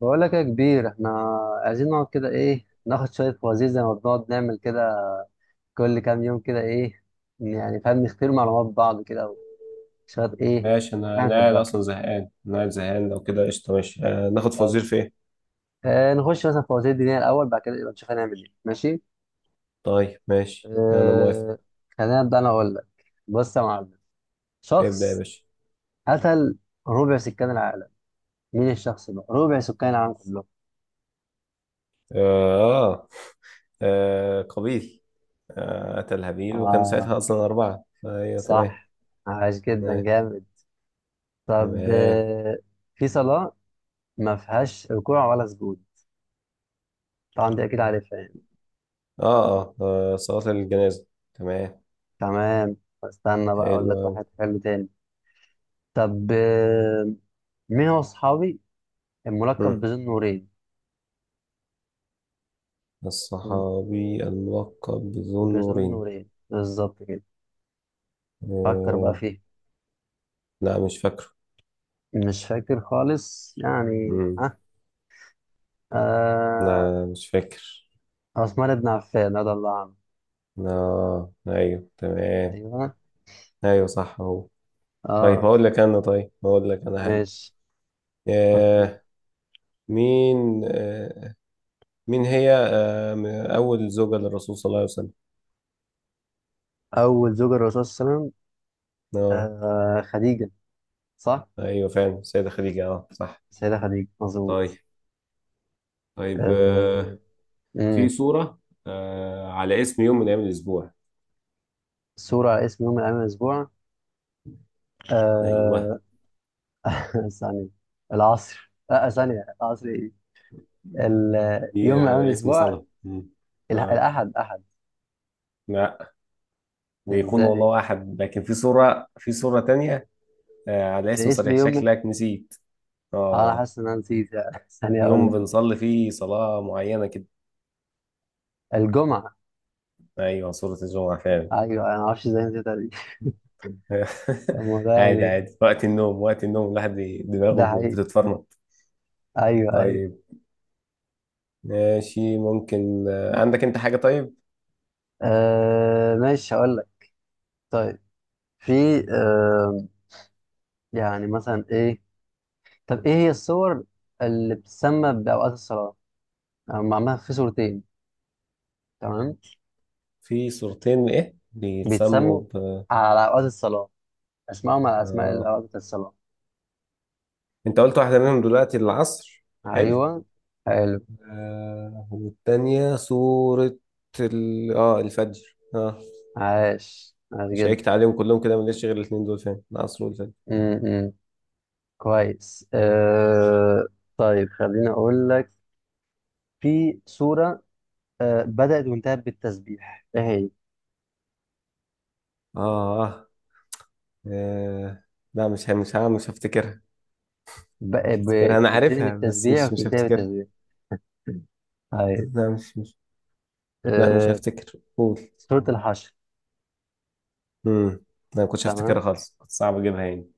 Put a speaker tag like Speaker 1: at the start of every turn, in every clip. Speaker 1: بقول لك يا كبير، احنا عايزين نقعد كده ايه ناخد شوية فوازير زي ما بنقعد نعمل كده كل كام يوم كده ايه يعني، فاهم؟ نختبر معلومات بعض كده وشوية ايه.
Speaker 2: ماشي، انا
Speaker 1: احنا
Speaker 2: انا قاعد
Speaker 1: بنحبها.
Speaker 2: اصلا زهقان انا قاعد زهقان لو كده قشطه. ماشي، ناخد فوازير
Speaker 1: طب
Speaker 2: في ايه؟
Speaker 1: نخش مثلا في فوازير الدنيا الأول، بعد كده يبقى نشوف هنعمل ايه. ماشي.
Speaker 2: طيب ماشي انا موافق.
Speaker 1: آه خلينا نبدأ، أنا أقول لك. بص يا معلم،
Speaker 2: ابدا يا
Speaker 1: شخص
Speaker 2: باشا.
Speaker 1: قتل ربع سكان العالم، مين الشخص ده؟ ربع سكان العالم كلهم.
Speaker 2: اه, قابيل. اتى الهابيل وكانوا ساعتها
Speaker 1: آه
Speaker 2: اصلا اربعه. ايوه تمام.
Speaker 1: صح، عاش، جدا
Speaker 2: تمام.
Speaker 1: جامد. طب
Speaker 2: تمام.
Speaker 1: في صلاة ما فيهاش ركوع ولا سجود، طبعا دي اكيد عارفها يعني.
Speaker 2: صلاه الجنازه. تمام.
Speaker 1: تمام، استنى بقى اقول
Speaker 2: حلو
Speaker 1: لك
Speaker 2: أوي.
Speaker 1: واحد حلو تاني. طب، مين هو صحابي الملقب
Speaker 2: مم.
Speaker 1: بذو النورين؟ م-
Speaker 2: الصحابي الملقب بذو
Speaker 1: بذو
Speaker 2: النورين.
Speaker 1: النورين بالظبط كده، فكر بقى
Speaker 2: آه.
Speaker 1: فيه.
Speaker 2: لا مش فاكره.
Speaker 1: مش فاكر خالص يعني
Speaker 2: مم.
Speaker 1: اه, آه.
Speaker 2: لا مش فاكر.
Speaker 1: عثمان بن عفان رضي الله عنه.
Speaker 2: اه ايوه تمام.
Speaker 1: ايوه
Speaker 2: ايوه صح هو. طيب،
Speaker 1: اه
Speaker 2: هقول لك انا حاجه.
Speaker 1: ماشي، اوكي.
Speaker 2: آه مين آه مين هي اول زوجة للرسول صلى الله عليه وسلم.
Speaker 1: اول زوجة للرسول صلى الله عليه وسلم.
Speaker 2: اه
Speaker 1: خديجة، صح،
Speaker 2: ايوه فعلا السيدة خديجة. اه صح.
Speaker 1: سيدة خديجة
Speaker 2: طيب.
Speaker 1: مظبوط.
Speaker 2: طيب. في
Speaker 1: آه.
Speaker 2: سورة على اسم يوم من ايام الاسبوع.
Speaker 1: صورة على اسم يوم من أيام الأسبوع.
Speaker 2: ايوه،
Speaker 1: آه ثانية، العصر، ثانية العصر إيه؟
Speaker 2: دي
Speaker 1: يوم من أيام
Speaker 2: على اسم
Speaker 1: الأسبوع.
Speaker 2: صلاة. مم. اه
Speaker 1: الأحد، أحد.
Speaker 2: لا، بيكون
Speaker 1: إزاي؟
Speaker 2: والله احد، لكن في صورة تانية. على
Speaker 1: ده
Speaker 2: اسم
Speaker 1: اسم
Speaker 2: صريح،
Speaker 1: يوم من
Speaker 2: شكلك نسيت.
Speaker 1: آه، أنا
Speaker 2: اه،
Speaker 1: حاسس إن أنا نسيت يعني. ثانية أقول
Speaker 2: يوم
Speaker 1: لك.
Speaker 2: بنصلي فيه صلاة معينة كده.
Speaker 1: الجمعة.
Speaker 2: ايوه، صورة الجمعة فعلا.
Speaker 1: أيوه، أنا معرفش إزاي نسيتها دي. الموضوع ده
Speaker 2: عادي
Speaker 1: يعني
Speaker 2: عادي، وقت النوم وقت النوم الواحد
Speaker 1: ده
Speaker 2: دماغه
Speaker 1: حقيقي.
Speaker 2: بتتفرمط.
Speaker 1: أيوه، أيوه.
Speaker 2: طيب ماشي، ممكن، عندك انت حاجة؟ طيب.
Speaker 1: ماشي هقول لك. طيب في آه يعني مثلا إيه؟ طب إيه هي الصور اللي بتسمى بأوقات الصلاة؟ أو معمولة في صورتين. تمام،
Speaker 2: في صورتين، ايه
Speaker 1: بيتسموا
Speaker 2: بيتسموا ب؟
Speaker 1: على أوقات الصلاة، أسمائهم على أسماء
Speaker 2: آه.
Speaker 1: الأوقات بتاعت الصلاة.
Speaker 2: انت قلت واحدة منهم دلوقتي العصر. حلو.
Speaker 1: أيوه، حلو.
Speaker 2: آه. والتانية صورة ال... اه الفجر، اه.
Speaker 1: عاش، عاش جدا.
Speaker 2: شيكت عليهم كلهم كده، مليش غير الاتنين دول، فين العصر والفجر.
Speaker 1: م-م. كويس
Speaker 2: طيب.
Speaker 1: أه... طيب، خليني أقول لك، في سورة بدأت وانتهت بالتسبيح، إيه هي؟
Speaker 2: اه اه آه، لا، مش هفتكرها.
Speaker 1: ب...
Speaker 2: مش هفتكرها،
Speaker 1: ب...
Speaker 2: انا
Speaker 1: بتبتدي
Speaker 2: عارفها بس
Speaker 1: بالتسبيح
Speaker 2: مش
Speaker 1: وبتنتهي
Speaker 2: هفتكرها.
Speaker 1: بالتسبيح. طيب
Speaker 2: لا مش. لا مش
Speaker 1: أه...
Speaker 2: هفتكر، قول.
Speaker 1: سورة الحشر.
Speaker 2: امم لا، ما كنتش هفتكرها
Speaker 1: تمام.
Speaker 2: خالص، كنت صعب اجيبها يعني.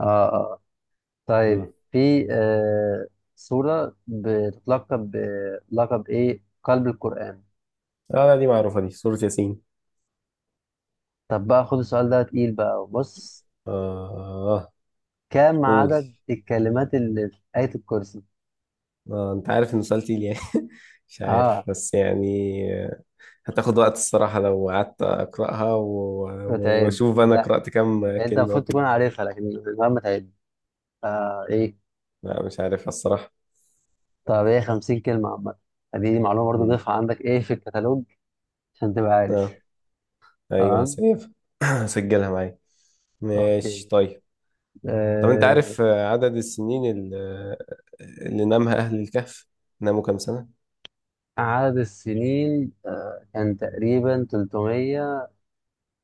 Speaker 1: آه آه طيب
Speaker 2: امم
Speaker 1: في سورة بتتلقب بلقب إيه؟ قلب القرآن.
Speaker 2: اه، لا دي معروفة، دي سورة ياسين.
Speaker 1: طب بقى خد السؤال ده تقيل بقى، بص:
Speaker 2: اه.
Speaker 1: كم
Speaker 2: قول.
Speaker 1: عدد الكلمات اللي في آية الكرسي؟
Speaker 2: انت عارف انه سؤال تقيل يعني. مش عارف
Speaker 1: اه،
Speaker 2: بس يعني. آه، هتاخد وقت الصراحة لو قعدت اقراها
Speaker 1: بتعد؟
Speaker 2: واشوف انا
Speaker 1: لا،
Speaker 2: قرأت كام
Speaker 1: انت
Speaker 2: كلمة
Speaker 1: المفروض
Speaker 2: وكده.
Speaker 1: تكون عارفها، لكن مهما تعد. ايه،
Speaker 2: لا مش عارفها الصراحة.
Speaker 1: طب هي 50 كلمة عامة. دي معلومة برضه،
Speaker 2: امم
Speaker 1: ضيفها عندك ايه في الكتالوج عشان تبقى عارف.
Speaker 2: اه ايوه،
Speaker 1: تمام،
Speaker 2: هسيبها. هسجلها معايا. ماشي
Speaker 1: اوكي.
Speaker 2: طيب. طب انت
Speaker 1: آه
Speaker 2: عارف، عدد السنين اللي نامها اهل الكهف؟ ناموا كام سنة؟
Speaker 1: عدد السنين، كان تقريبا 300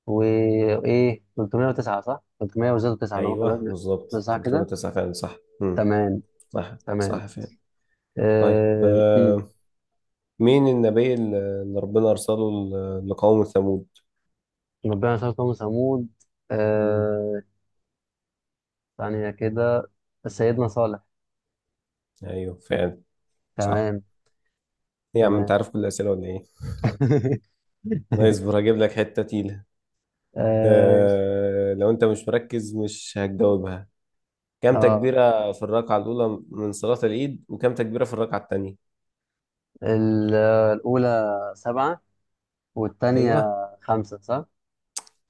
Speaker 1: وايه، 309. صح، 300 وزادوا 9، انا
Speaker 2: ايوه
Speaker 1: ممكن
Speaker 2: بالظبط،
Speaker 1: صح كده.
Speaker 2: 309 فعلا صح. امم
Speaker 1: تمام،
Speaker 2: صح
Speaker 1: تمام.
Speaker 2: صح فعلا. طيب،
Speaker 1: آه
Speaker 2: مين النبي اللي ربنا ارسله لقوم ثمود؟
Speaker 1: ربنا شاء قوم ثمود.
Speaker 2: مم.
Speaker 1: آه ثانية كده، سيدنا صالح.
Speaker 2: ايوه فعلا صح.
Speaker 1: تمام،
Speaker 2: ايه يا عم، انت
Speaker 1: تمام.
Speaker 2: عارف كل الاسئله ولا ايه؟ لا اصبر، هجيب لك حته تقيله.
Speaker 1: ماشي.
Speaker 2: لو انت مش مركز مش هتجاوبها. كم
Speaker 1: اه
Speaker 2: تكبيره في الركعه الاولى من صلاه العيد، وكم تكبيره في الركعه الثانيه؟
Speaker 1: ال- الأولى سبعة، والتانية
Speaker 2: ايوه.
Speaker 1: خمسة، صح؟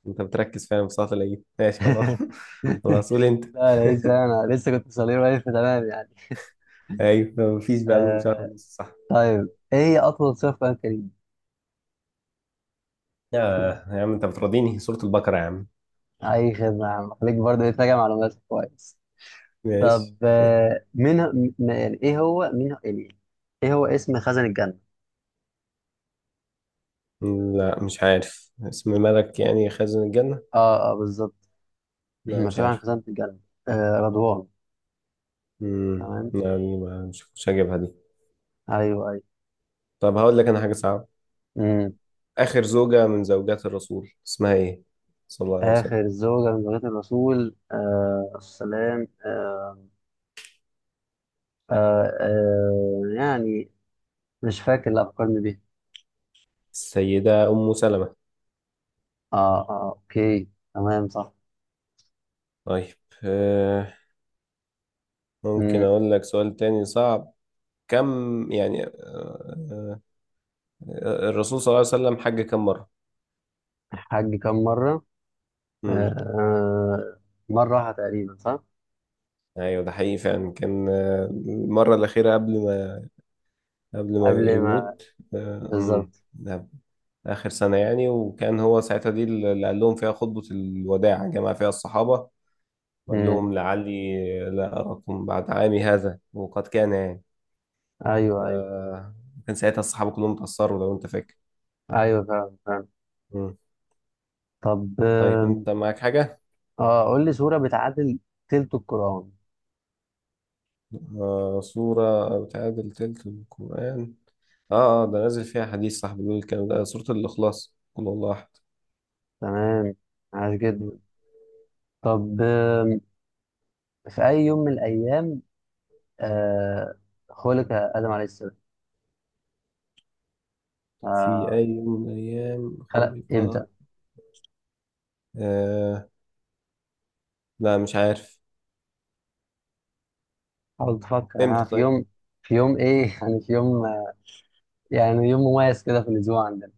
Speaker 2: انت بتركز فعلا في صلاة العيد، ماشي خلاص. خلاص، قول انت.
Speaker 1: لا، لقيت بقى، أنا لسه كنت صغير واقف، تمام يعني.
Speaker 2: ايوه مفيش بقى له شهر
Speaker 1: آه
Speaker 2: ونص، صح؟
Speaker 1: طيب، إيه هي أطول سورة في القرآن الكريم؟
Speaker 2: يا عم انت بتراضيني، سورة البقرة يا عم.
Speaker 1: أي خدمة يا عم، خليك برضه إيه تراجع معلوماتك كويس.
Speaker 2: ماشي.
Speaker 1: طب آه مين ه- م- يعني إيه هو مين ه- يعني إيه هو اسم خزن الجنة؟
Speaker 2: لا مش عارف اسم ملك يعني خازن الجنة.
Speaker 1: اه بالظبط.
Speaker 2: لا مش
Speaker 1: مسؤول عن
Speaker 2: عارف.
Speaker 1: خزانة الجنة. رضوان. تمام،
Speaker 2: يعني مش هجيبها دي.
Speaker 1: ايوه، ايوه.
Speaker 2: طب هقول لك انا حاجة صعبة.
Speaker 1: مم.
Speaker 2: آخر زوجة من زوجات الرسول اسمها ايه، صلى الله عليه
Speaker 1: آخر
Speaker 2: وسلم؟
Speaker 1: الزوجة من زوجات الرسول، السلام. آه يعني مش فاكر، لا فكرني بيها.
Speaker 2: السيدة أم سلمة.
Speaker 1: اه اوكي تمام، صح.
Speaker 2: طيب. آه ممكن
Speaker 1: مم.
Speaker 2: اقول لك سؤال تاني صعب. كم يعني آه الرسول صلى الله عليه وسلم حج كم مرة؟
Speaker 1: حج كم مرة؟ آه
Speaker 2: امم
Speaker 1: آه، مرة واحدة تقريبا، صح؟
Speaker 2: ايوه، ده حقيقي فعلا. كان، المرة الأخيرة قبل ما
Speaker 1: قبل ما...
Speaker 2: يموت.
Speaker 1: بالظبط.
Speaker 2: ده آخر سنة يعني، وكان هو ساعتها دي اللي قال لهم فيها خطبة الوداع، جمع فيها الصحابة وقال
Speaker 1: مم.
Speaker 2: لهم لعلي لا أراكم بعد عامي هذا، وقد كان يعني.
Speaker 1: ايوه، ايوه،
Speaker 2: آه، كان ساعتها الصحابة كلهم اتأثروا، لو أنت فاكر.
Speaker 1: ايوه فعلا، فعلا.
Speaker 2: مم.
Speaker 1: طب
Speaker 2: طيب أنت معاك حاجة؟
Speaker 1: قول لي سورة بتعادل تلت القرآن.
Speaker 2: سورة بتعادل تلت القرآن. اه اه، ده نازل فيها حديث صاحبي بيقول الكلام ده، سورة الإخلاص، قل هو الله أحد.
Speaker 1: تمام، عاش جدا. طب في أي يوم من الأيام آه، خلق آدم عليه السلام
Speaker 2: في
Speaker 1: آه،
Speaker 2: أي يوم من الأيام
Speaker 1: خلق
Speaker 2: خلق؟
Speaker 1: إمتى؟
Speaker 2: آه لا مش عارف.
Speaker 1: حاول تفكر، أنا
Speaker 2: امتى
Speaker 1: في
Speaker 2: طيب؟
Speaker 1: يوم. في يوم إيه؟ يعني في يوم يعني يوم مميز كده في الأسبوع عندنا.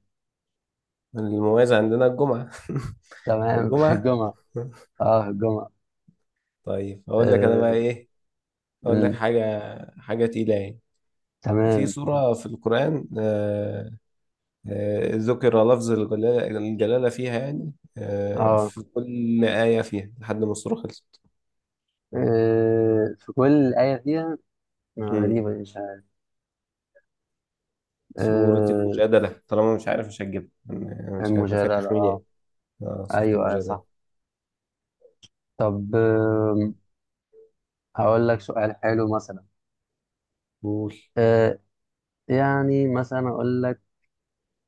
Speaker 2: المميز عندنا الجمعة.
Speaker 1: تمام. في
Speaker 2: الجمعة.
Speaker 1: الجمعة. أه، في الجمعة.
Speaker 2: طيب أقول لك أنا بقى
Speaker 1: آه،
Speaker 2: إيه. أقول لك
Speaker 1: مم،
Speaker 2: حاجة، حاجة تقيلة يعني. في
Speaker 1: تمام
Speaker 2: سورة في القرآن، ذكر لفظ الجلالة, فيها يعني،
Speaker 1: أه
Speaker 2: في كل آية فيها لحد ما السورة خلصت.
Speaker 1: آه، في كل آية فيها.
Speaker 2: مم.
Speaker 1: غريبة دي، مش عارف.
Speaker 2: سورة
Speaker 1: آه،
Speaker 2: المجادلة، طالما مش عارف مش هتجيبها. أنا مش هيبقى
Speaker 1: المجادلة
Speaker 2: فاتح مين
Speaker 1: أه
Speaker 2: يعني. اه سورة
Speaker 1: أيوه، أيوة،
Speaker 2: المجادلة.
Speaker 1: صح. طب هقول لك سؤال حلو مثلا.
Speaker 2: قول.
Speaker 1: آه، يعني مثلا اقول لك.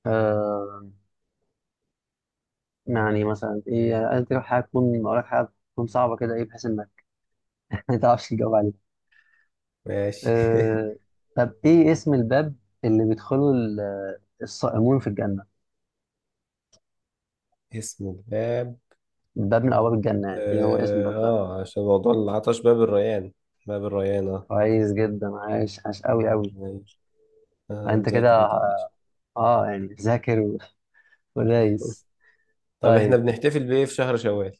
Speaker 1: آه يعني مثلا ايه، انت حاجه تكون اقول لك حاجه تكون صعبه كده ايه، بحيث انك ما تعرفش تجاوب عليها.
Speaker 2: ماشي.
Speaker 1: آه طب ايه اسم الباب اللي بيدخله الصائمون في الجنه؟
Speaker 2: اسم الباب.
Speaker 1: الباب من ابواب الجنه، يعني ايه هو اسم الباب ده؟
Speaker 2: عشان موضوع العطش، باب الريان. باب الريان، اه.
Speaker 1: كويس جدا، عايش، عايش قوي، قوي.
Speaker 2: تمام.
Speaker 1: انت
Speaker 2: مذاكر ما
Speaker 1: كده
Speaker 2: تقلقش.
Speaker 1: اه يعني ذاكر، ودايس.
Speaker 2: طب احنا
Speaker 1: طيب
Speaker 2: بنحتفل بإيه في شهر شوال؟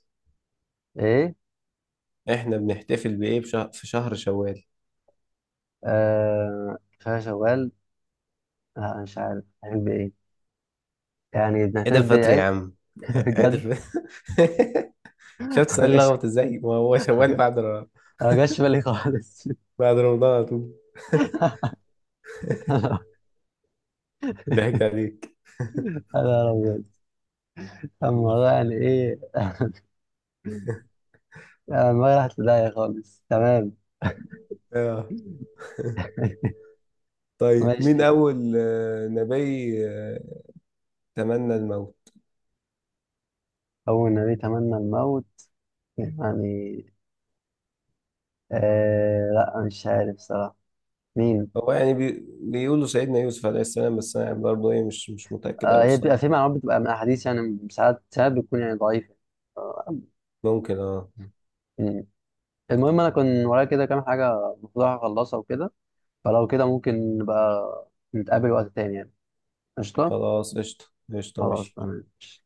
Speaker 1: ايه،
Speaker 2: احنا بنحتفل بإيه في شهر شوال؟
Speaker 1: كفايه شوال، لا مش عارف هنعمل بايه، يعني
Speaker 2: عيد الفطر يا
Speaker 1: نعتبر
Speaker 2: عم. عيد
Speaker 1: بجد.
Speaker 2: الفطر. شفت سؤال
Speaker 1: بجد.
Speaker 2: لخبط ازاي؟ ما هو شوال بعد
Speaker 1: أنا ما جاش في بالي خالص.
Speaker 2: بعد رمضان على طول. ضحكت عليك.
Speaker 1: يا نهار أبيض، الموضوع يعني إيه. ما راحت في داهية خالص، تمام.
Speaker 2: طيب، مين
Speaker 1: ماشي.
Speaker 2: أول، نبي، تمنى الموت؟
Speaker 1: أول نبي تمنى الموت يعني. لا مش عارف صراحة مين.
Speaker 2: هو يعني بيقولوا سيدنا يوسف عليه السلام، بس أنا برضه إيه مش متأكد أوي
Speaker 1: هي بيبقى في
Speaker 2: الصراحة.
Speaker 1: معلومات بتبقى من أحاديث يعني، ساعات ساعات بتكون يعني ضعيفة. آه،
Speaker 2: ممكن
Speaker 1: مم. المهم، أنا كان ورايا كده كام حاجة المفروض أخلصها وكده، فلو كده ممكن نبقى نتقابل وقت تاني يعني. قشطة.
Speaker 2: خلاص قشطة. قشطة
Speaker 1: خلاص،
Speaker 2: ماشي.
Speaker 1: تمام.